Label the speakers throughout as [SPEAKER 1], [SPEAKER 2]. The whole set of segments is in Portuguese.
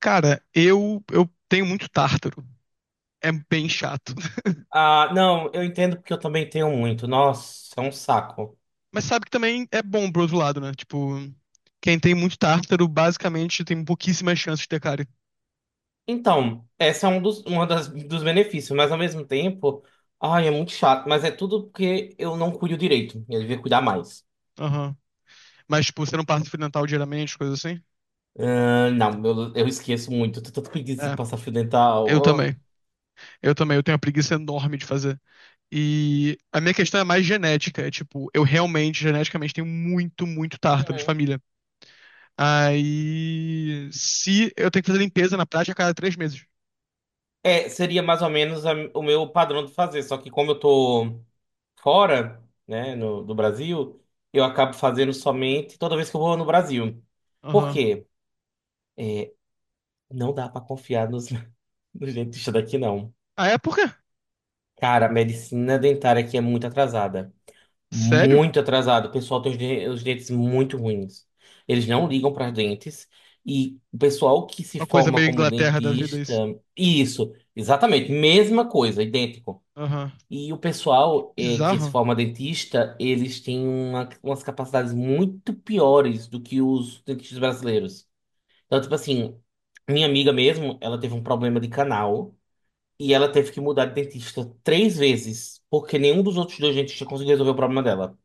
[SPEAKER 1] Cara, eu tenho muito tártaro. É bem chato.
[SPEAKER 2] Ah, não, eu entendo porque eu também tenho muito. Nossa, é um saco.
[SPEAKER 1] Mas sabe que também é bom pro outro lado, né? Tipo, quem tem muito tártaro, basicamente, tem pouquíssimas chances de ter cárie.
[SPEAKER 2] Então, esse é um dos, uma das, dos benefícios, mas ao mesmo tempo, ai, é muito chato, mas é tudo porque eu não cuido direito. Eu devia cuidar mais.
[SPEAKER 1] Aham. Mas, tipo, você não passa fio dental diariamente, coisa assim?
[SPEAKER 2] Ah, não, eu esqueço muito. Eu tô tanto preguiça de
[SPEAKER 1] É,
[SPEAKER 2] passar fio dental.
[SPEAKER 1] eu
[SPEAKER 2] Oh.
[SPEAKER 1] também. Eu também. Eu tenho uma preguiça enorme de fazer. E a minha questão é mais genética. É tipo, eu realmente, geneticamente, tenho muito, muito tártaro de
[SPEAKER 2] Uhum.
[SPEAKER 1] família. Aí. Se eu tenho que fazer limpeza na prática a cada 3 meses.
[SPEAKER 2] É, seria mais ou menos o meu padrão de fazer, só que como eu tô fora, né, no, do Brasil, eu acabo fazendo somente toda vez que eu vou no Brasil. Por
[SPEAKER 1] Aham.
[SPEAKER 2] quê? Não dá pra confiar nos do dentista daqui não.
[SPEAKER 1] Ah, é? Por quê?
[SPEAKER 2] Cara, a medicina dentária aqui é muito atrasada.
[SPEAKER 1] Sério?
[SPEAKER 2] Muito atrasada. O pessoal tem os dentes muito ruins. Eles não ligam para os dentes. E o pessoal que se
[SPEAKER 1] Uma coisa
[SPEAKER 2] forma
[SPEAKER 1] meio
[SPEAKER 2] como
[SPEAKER 1] Inglaterra da vida,
[SPEAKER 2] dentista.
[SPEAKER 1] isso.
[SPEAKER 2] Isso, exatamente. Mesma coisa, idêntico.
[SPEAKER 1] Aham.
[SPEAKER 2] E o pessoal que se
[SPEAKER 1] Bizarro.
[SPEAKER 2] forma dentista, eles têm umas capacidades muito piores do que os dentistas brasileiros. Então, tipo assim, minha amiga mesmo, ela teve um problema de canal. E ela teve que mudar de dentista três vezes, porque nenhum dos outros dois dentistas conseguiu resolver o problema dela.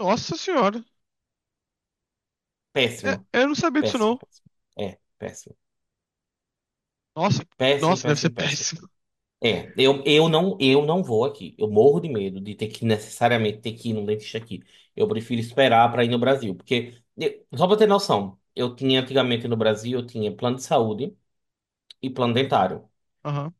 [SPEAKER 1] Nossa senhora. É,
[SPEAKER 2] Péssimo,
[SPEAKER 1] eu não sabia disso,
[SPEAKER 2] péssimo,
[SPEAKER 1] não.
[SPEAKER 2] péssimo. É, péssimo.
[SPEAKER 1] Nossa,
[SPEAKER 2] Péssimo,
[SPEAKER 1] nossa, deve ser
[SPEAKER 2] péssimo, péssimo.
[SPEAKER 1] péssimo.
[SPEAKER 2] É, eu não vou aqui. Eu morro de medo de ter que necessariamente ter que ir num dentista aqui. Eu prefiro esperar para ir no Brasil, porque só pra ter noção, eu tinha antigamente no Brasil, eu tinha plano de saúde e plano dentário.
[SPEAKER 1] Aham.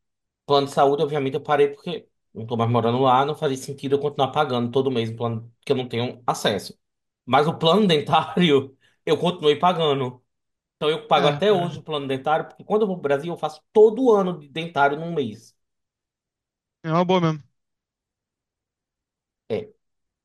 [SPEAKER 2] Plano de saúde, obviamente, eu parei porque não tô mais morando lá, não fazia sentido eu continuar pagando todo mês um plano que eu não tenho acesso. Mas o plano dentário, eu continuei pagando. Então eu pago
[SPEAKER 1] É,
[SPEAKER 2] até
[SPEAKER 1] é.
[SPEAKER 2] hoje o plano dentário, porque quando eu vou pro Brasil, eu faço todo ano de dentário num mês.
[SPEAKER 1] É uma boa mesmo.
[SPEAKER 2] É,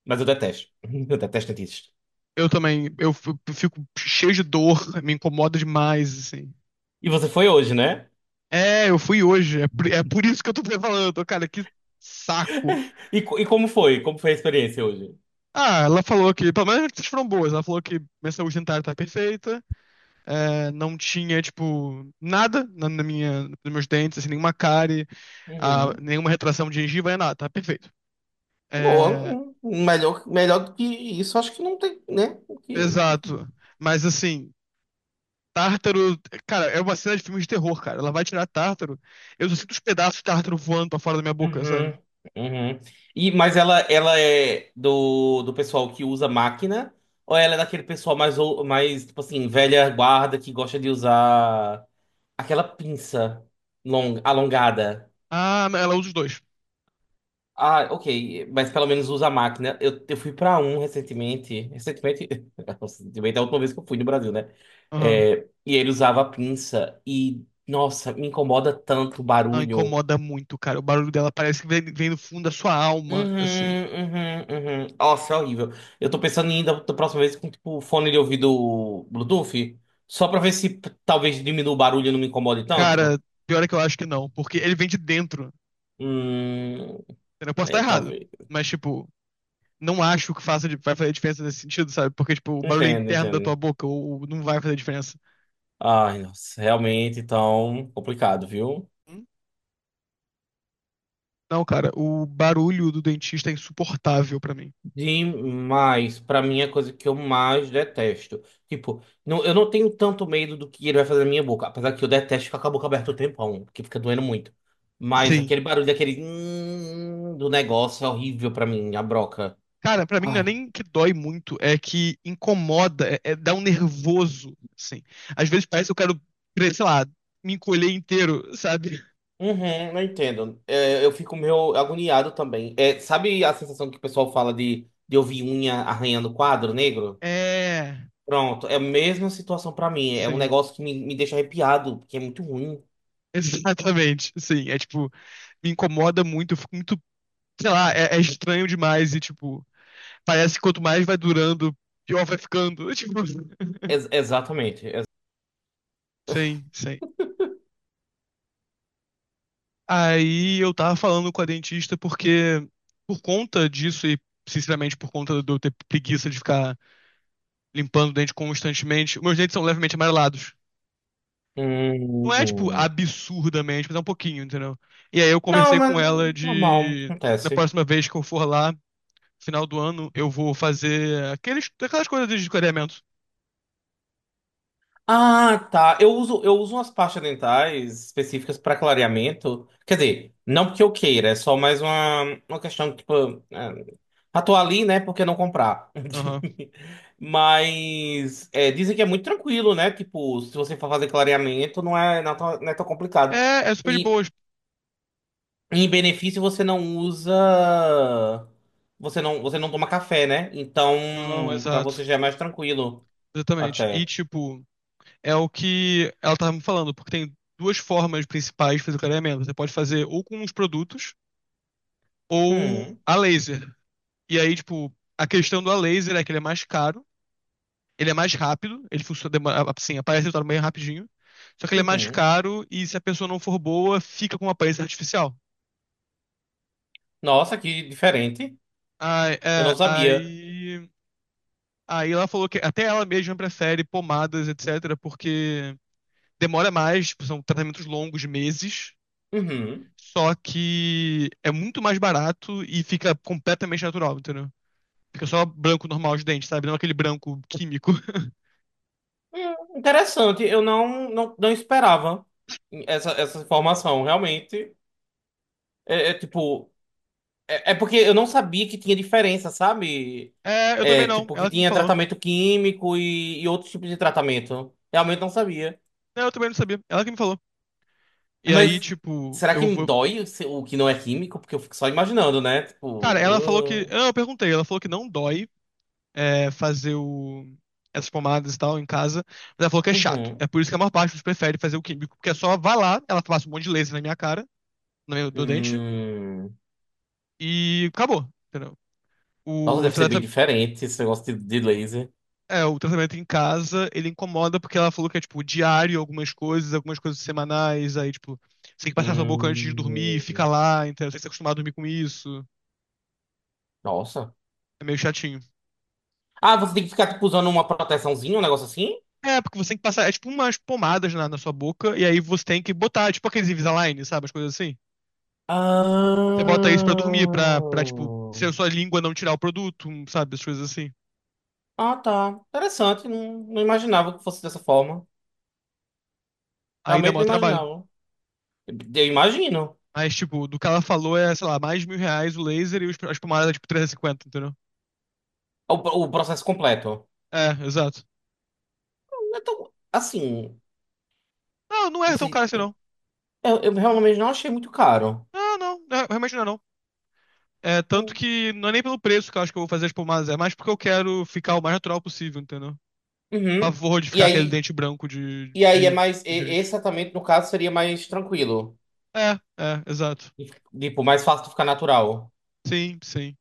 [SPEAKER 2] mas eu detesto. Eu detesto dentista.
[SPEAKER 1] Eu também. Fico cheio de dor, me incomoda demais, assim.
[SPEAKER 2] E você foi hoje, né?
[SPEAKER 1] É, eu fui hoje. É por isso que eu tô te falando, cara, que saco.
[SPEAKER 2] E, e como foi? Como foi a experiência hoje?
[SPEAKER 1] Ah, ela falou que, pelo menos as notícias foram boas. Ela falou que minha saúde dentária tá perfeita. É, não tinha, tipo, nada na minha, nos meus dentes, assim, nenhuma cárie, ah,
[SPEAKER 2] Uhum.
[SPEAKER 1] nenhuma retração de gengiva, é nada, tá perfeito.
[SPEAKER 2] Boa,
[SPEAKER 1] É,
[SPEAKER 2] melhor, melhor do que isso, acho que não tem, né?
[SPEAKER 1] exato. Mas assim, tártaro, cara, é uma cena de filme de terror, cara. Ela vai tirar tártaro. Eu só sinto os pedaços de tártaro voando pra fora da minha boca,
[SPEAKER 2] Uhum,
[SPEAKER 1] sabe?
[SPEAKER 2] uhum. E, mas ela é do pessoal que usa máquina, ou ela é daquele pessoal mais, mais, tipo assim, velha guarda que gosta de usar aquela pinça alongada?
[SPEAKER 1] Ah, ela usa os dois.
[SPEAKER 2] Ah, ok, mas pelo menos usa a máquina. Eu fui pra um recentemente, recentemente, recentemente é a última vez que eu fui no Brasil, né?
[SPEAKER 1] Aham.
[SPEAKER 2] É, e ele usava a pinça, e, nossa, me incomoda tanto o
[SPEAKER 1] Não,
[SPEAKER 2] barulho.
[SPEAKER 1] incomoda muito, cara. O barulho dela parece que vem, vem do fundo da sua alma, assim.
[SPEAKER 2] Uhum, uhum, uhum. Nossa, é horrível. Eu tô pensando em ir da próxima vez com tipo fone de ouvido Bluetooth, só pra ver se talvez diminua o barulho e não me incomode
[SPEAKER 1] Cara,
[SPEAKER 2] tanto.
[SPEAKER 1] pior é que eu acho que não, porque ele vem de dentro. Eu posso estar errado, mas, tipo, não acho que faça, vai fazer diferença nesse sentido, sabe? Porque, tipo, o barulho é interno da tua boca, ou não vai fazer diferença. Hum? Não, cara, o barulho do dentista é insuportável pra mim.
[SPEAKER 2] Demais. Pra mim é a coisa que eu mais detesto. Tipo, não, eu não tenho tanto medo do que ele vai fazer na minha boca, apesar que eu detesto ficar com a boca aberta o tempão, porque fica doendo muito. Mas
[SPEAKER 1] Sim.
[SPEAKER 2] aquele barulho, aquele do negócio é horrível pra mim, a broca.
[SPEAKER 1] Cara, pra mim não é
[SPEAKER 2] Ai.
[SPEAKER 1] nem que dói muito, é que incomoda, dá um nervoso, assim. Às vezes parece que eu quero, sei lá, me encolher inteiro, sabe?
[SPEAKER 2] Uhum, eu entendo. É, eu fico meio agoniado também. É, sabe a sensação que o pessoal fala de ouvir unha arranhando quadro negro?
[SPEAKER 1] É,
[SPEAKER 2] Pronto, é a mesma situação pra mim. É um
[SPEAKER 1] sim.
[SPEAKER 2] negócio que me deixa arrepiado, porque é muito ruim.
[SPEAKER 1] Exatamente, sim. É tipo, me incomoda muito, eu fico muito, sei lá, é estranho demais e tipo, parece que quanto mais vai durando, pior vai ficando. Tipo,
[SPEAKER 2] Exatamente. Hum, É, talvez. Entendo, entendo. Ai,
[SPEAKER 1] sim,
[SPEAKER 2] nossa, realmente
[SPEAKER 1] sim.
[SPEAKER 2] tão complicado, viu?
[SPEAKER 1] Aí eu tava falando com a dentista porque, por conta disso e sinceramente por conta de eu ter preguiça de ficar limpando o dente constantemente, meus dentes são levemente amarelados. Não é, tipo,
[SPEAKER 2] Hum.
[SPEAKER 1] absurdamente, mas é um pouquinho, entendeu? E aí eu
[SPEAKER 2] Não,
[SPEAKER 1] conversei
[SPEAKER 2] mas
[SPEAKER 1] com ela
[SPEAKER 2] normal,
[SPEAKER 1] de, na
[SPEAKER 2] acontece.
[SPEAKER 1] próxima vez que eu for lá, final do ano eu vou fazer aqueles, aquelas coisas de clareamento.
[SPEAKER 2] Ah, tá. Eu uso umas pastas dentais específicas para clareamento. Quer dizer, não porque eu queira, é só mais uma questão, tipo, é, ah, ali, né? Por que não comprar?
[SPEAKER 1] Aham.
[SPEAKER 2] Mas é, dizem que é muito tranquilo, né? Tipo, se você for fazer clareamento, não é, não é tão, não é tão complicado.
[SPEAKER 1] É, é super de
[SPEAKER 2] E
[SPEAKER 1] boas.
[SPEAKER 2] em benefício, você não usa. Você não toma café, né? Então,
[SPEAKER 1] Não,
[SPEAKER 2] para você
[SPEAKER 1] exato.
[SPEAKER 2] já é mais tranquilo,
[SPEAKER 1] Exatamente. E,
[SPEAKER 2] até.
[SPEAKER 1] tipo, é o que ela tava me falando, porque tem duas formas principais de fazer o clareamento. Você pode fazer ou com os produtos ou
[SPEAKER 2] Hum,
[SPEAKER 1] a laser. E aí, tipo, a questão do a laser é que ele é mais caro, ele é mais rápido, ele funciona, assim, aparece o resultado bem rapidinho. Só que ele é mais
[SPEAKER 2] uhum.
[SPEAKER 1] caro e se a pessoa não for boa, fica com uma aparência artificial.
[SPEAKER 2] Nossa, que diferente.
[SPEAKER 1] Aí,
[SPEAKER 2] Eu não
[SPEAKER 1] é,
[SPEAKER 2] sabia.
[SPEAKER 1] aí Aí ela falou que até ela mesma prefere pomadas, etc., porque demora mais, tipo, são tratamentos longos, de meses,
[SPEAKER 2] Uhum.
[SPEAKER 1] só que é muito mais barato e fica completamente natural, entendeu? Fica só branco normal de dente, sabe? Não aquele branco químico.
[SPEAKER 2] Interessante. Eu não, não, não esperava essa informação. Realmente. É, é tipo. É, é porque eu não sabia que tinha diferença, sabe?
[SPEAKER 1] É, eu também
[SPEAKER 2] É,
[SPEAKER 1] não,
[SPEAKER 2] tipo, que
[SPEAKER 1] ela que me
[SPEAKER 2] tinha
[SPEAKER 1] falou.
[SPEAKER 2] tratamento químico e outros tipos de tratamento. Realmente não sabia.
[SPEAKER 1] Não, eu também não sabia, ela que me falou. E aí,
[SPEAKER 2] Mas
[SPEAKER 1] tipo,
[SPEAKER 2] será
[SPEAKER 1] eu
[SPEAKER 2] que
[SPEAKER 1] vou.
[SPEAKER 2] dói o o que não é químico? Porque eu fico só imaginando, né?
[SPEAKER 1] Cara, ela falou que.
[SPEAKER 2] Tipo. Ah.
[SPEAKER 1] Não, eu perguntei, ela falou que não dói, é, fazer essas pomadas e tal em casa. Mas ela falou que é chato. É
[SPEAKER 2] Uhum.
[SPEAKER 1] por isso que a maior parte dos prefere fazer o químico, porque é só vai lá, ela passa um monte de laser na minha cara, no meu do dente,
[SPEAKER 2] Hum.
[SPEAKER 1] e acabou, entendeu?
[SPEAKER 2] Nossa,
[SPEAKER 1] O
[SPEAKER 2] deve ser bem
[SPEAKER 1] tratamento.
[SPEAKER 2] diferente esse negócio de laser.
[SPEAKER 1] É, o tratamento em casa, ele incomoda porque ela falou que é, tipo, diário, algumas coisas semanais, aí, tipo, você tem que passar sua boca antes de dormir, fica
[SPEAKER 2] Hum,
[SPEAKER 1] lá, entendeu? Você tem que se acostumar a dormir com isso.
[SPEAKER 2] nossa.
[SPEAKER 1] É meio chatinho.
[SPEAKER 2] Ah, você tem que ficar, tipo, usando uma proteçãozinha, um negócio assim?
[SPEAKER 1] É, porque você tem que passar, é tipo umas pomadas na, sua boca, e aí você tem que botar, tipo aqueles Invisalign, sabe? As coisas assim. Você bota isso pra
[SPEAKER 2] Ah,
[SPEAKER 1] dormir, pra, tipo, se a sua língua não tirar o produto, um, sabe? As coisas assim.
[SPEAKER 2] ah, tá. Interessante. Não, não imaginava que fosse dessa forma.
[SPEAKER 1] Aí dá
[SPEAKER 2] Realmente
[SPEAKER 1] maior
[SPEAKER 2] não
[SPEAKER 1] trabalho.
[SPEAKER 2] imaginava. Eu imagino
[SPEAKER 1] Mas, tipo, do que ela falou é, sei lá, mais de R$ 1.000 o laser e a espumada é, tipo, 350, entendeu?
[SPEAKER 2] o processo completo.
[SPEAKER 1] É, exato.
[SPEAKER 2] Então, assim,
[SPEAKER 1] Não, não
[SPEAKER 2] não
[SPEAKER 1] é tão
[SPEAKER 2] sei.
[SPEAKER 1] caro assim, não.
[SPEAKER 2] Eu realmente não achei muito caro.
[SPEAKER 1] Não, não, é, realmente não é, não. É, tanto que não é nem pelo preço que eu acho que eu vou fazer as pomadas, é mais porque eu quero ficar o mais natural possível, entendeu?
[SPEAKER 2] Uhum.
[SPEAKER 1] Pavor de
[SPEAKER 2] E
[SPEAKER 1] ficar aquele
[SPEAKER 2] aí,
[SPEAKER 1] dente branco de,
[SPEAKER 2] e aí é
[SPEAKER 1] de
[SPEAKER 2] mais. E- Esse
[SPEAKER 1] gente.
[SPEAKER 2] tratamento, no caso, seria mais tranquilo.
[SPEAKER 1] É, é, exato.
[SPEAKER 2] Tipo, mais fácil de ficar natural.
[SPEAKER 1] Sim, sim.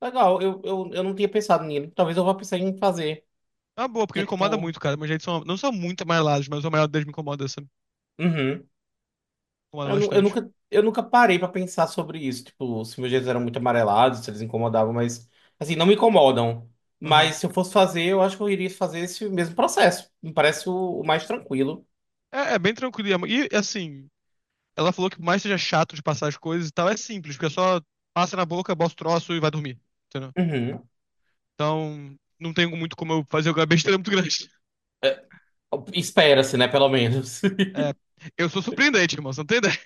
[SPEAKER 2] Legal, eu não tinha pensado nele. Talvez eu vá pensar em fazer.
[SPEAKER 1] É uma boa, porque
[SPEAKER 2] Que é
[SPEAKER 1] me incomoda
[SPEAKER 2] tipo.
[SPEAKER 1] muito, cara. Meus dentes são, não são muito amarelados, mas o amarelo deles me incomoda, sabe?
[SPEAKER 2] Uhum.
[SPEAKER 1] Incomoda
[SPEAKER 2] Eu, nu- eu
[SPEAKER 1] bastante.
[SPEAKER 2] nunca, eu nunca parei pra pensar sobre isso. Tipo, se meus dedos eram muito amarelados, se eles incomodavam, mas. Assim, não me incomodam.
[SPEAKER 1] Aham.
[SPEAKER 2] Mas se eu fosse fazer, eu acho que eu iria fazer esse mesmo processo. Me parece o mais tranquilo.
[SPEAKER 1] É, é bem tranquilo. E, assim, ela falou que por mais que seja chato de passar as coisas e tal, é simples, porque é só passa na boca, bota o troço e vai dormir. Entendeu?
[SPEAKER 2] Uhum.
[SPEAKER 1] Então, não tem muito como eu fazer alguma besteira muito grande.
[SPEAKER 2] É, espera-se, né? Pelo menos.
[SPEAKER 1] É, eu sou surpreendente, irmão, você não tem ideia?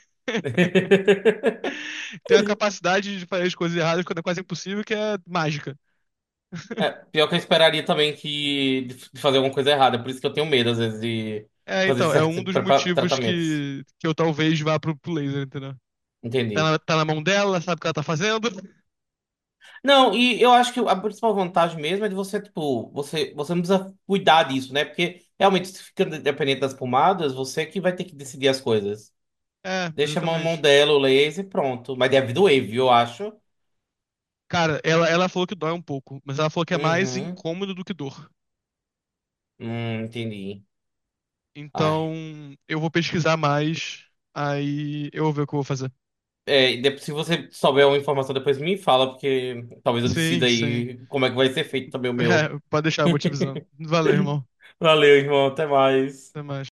[SPEAKER 1] Tenho a capacidade de fazer as coisas erradas quando é quase impossível, que é mágica.
[SPEAKER 2] É, pior que eu esperaria também que de fazer alguma coisa errada. Por isso que eu tenho medo, às vezes, de
[SPEAKER 1] É,
[SPEAKER 2] fazer
[SPEAKER 1] então, é
[SPEAKER 2] certos
[SPEAKER 1] um dos motivos
[SPEAKER 2] tratamentos.
[SPEAKER 1] que eu talvez vá pro, laser, entendeu? Tá
[SPEAKER 2] Entendi.
[SPEAKER 1] na, tá na mão dela, sabe o que ela tá fazendo.
[SPEAKER 2] Não, e eu acho que a principal vantagem mesmo é de você, tipo, você não precisa cuidar disso, né? Porque realmente, se fica dependente das pomadas, você que vai ter que decidir as coisas.
[SPEAKER 1] É,
[SPEAKER 2] Deixa a mão
[SPEAKER 1] exatamente.
[SPEAKER 2] dela, o laser e pronto. Mas deve doer, viu, eu acho.
[SPEAKER 1] Cara, ela falou que dói um pouco, mas ela falou que é mais
[SPEAKER 2] Uhum.
[SPEAKER 1] incômodo do que dor.
[SPEAKER 2] Entendi.
[SPEAKER 1] Então,
[SPEAKER 2] Ai.
[SPEAKER 1] eu vou pesquisar mais, aí eu vou ver o que eu vou fazer.
[SPEAKER 2] É, e se você souber uma informação, depois me fala, porque talvez eu
[SPEAKER 1] Sim,
[SPEAKER 2] decida
[SPEAKER 1] sim.
[SPEAKER 2] aí como é que vai ser feito também o meu.
[SPEAKER 1] É, pode deixar, eu vou te avisando. Valeu, irmão.
[SPEAKER 2] Valeu, irmão. Até mais.
[SPEAKER 1] Até mais.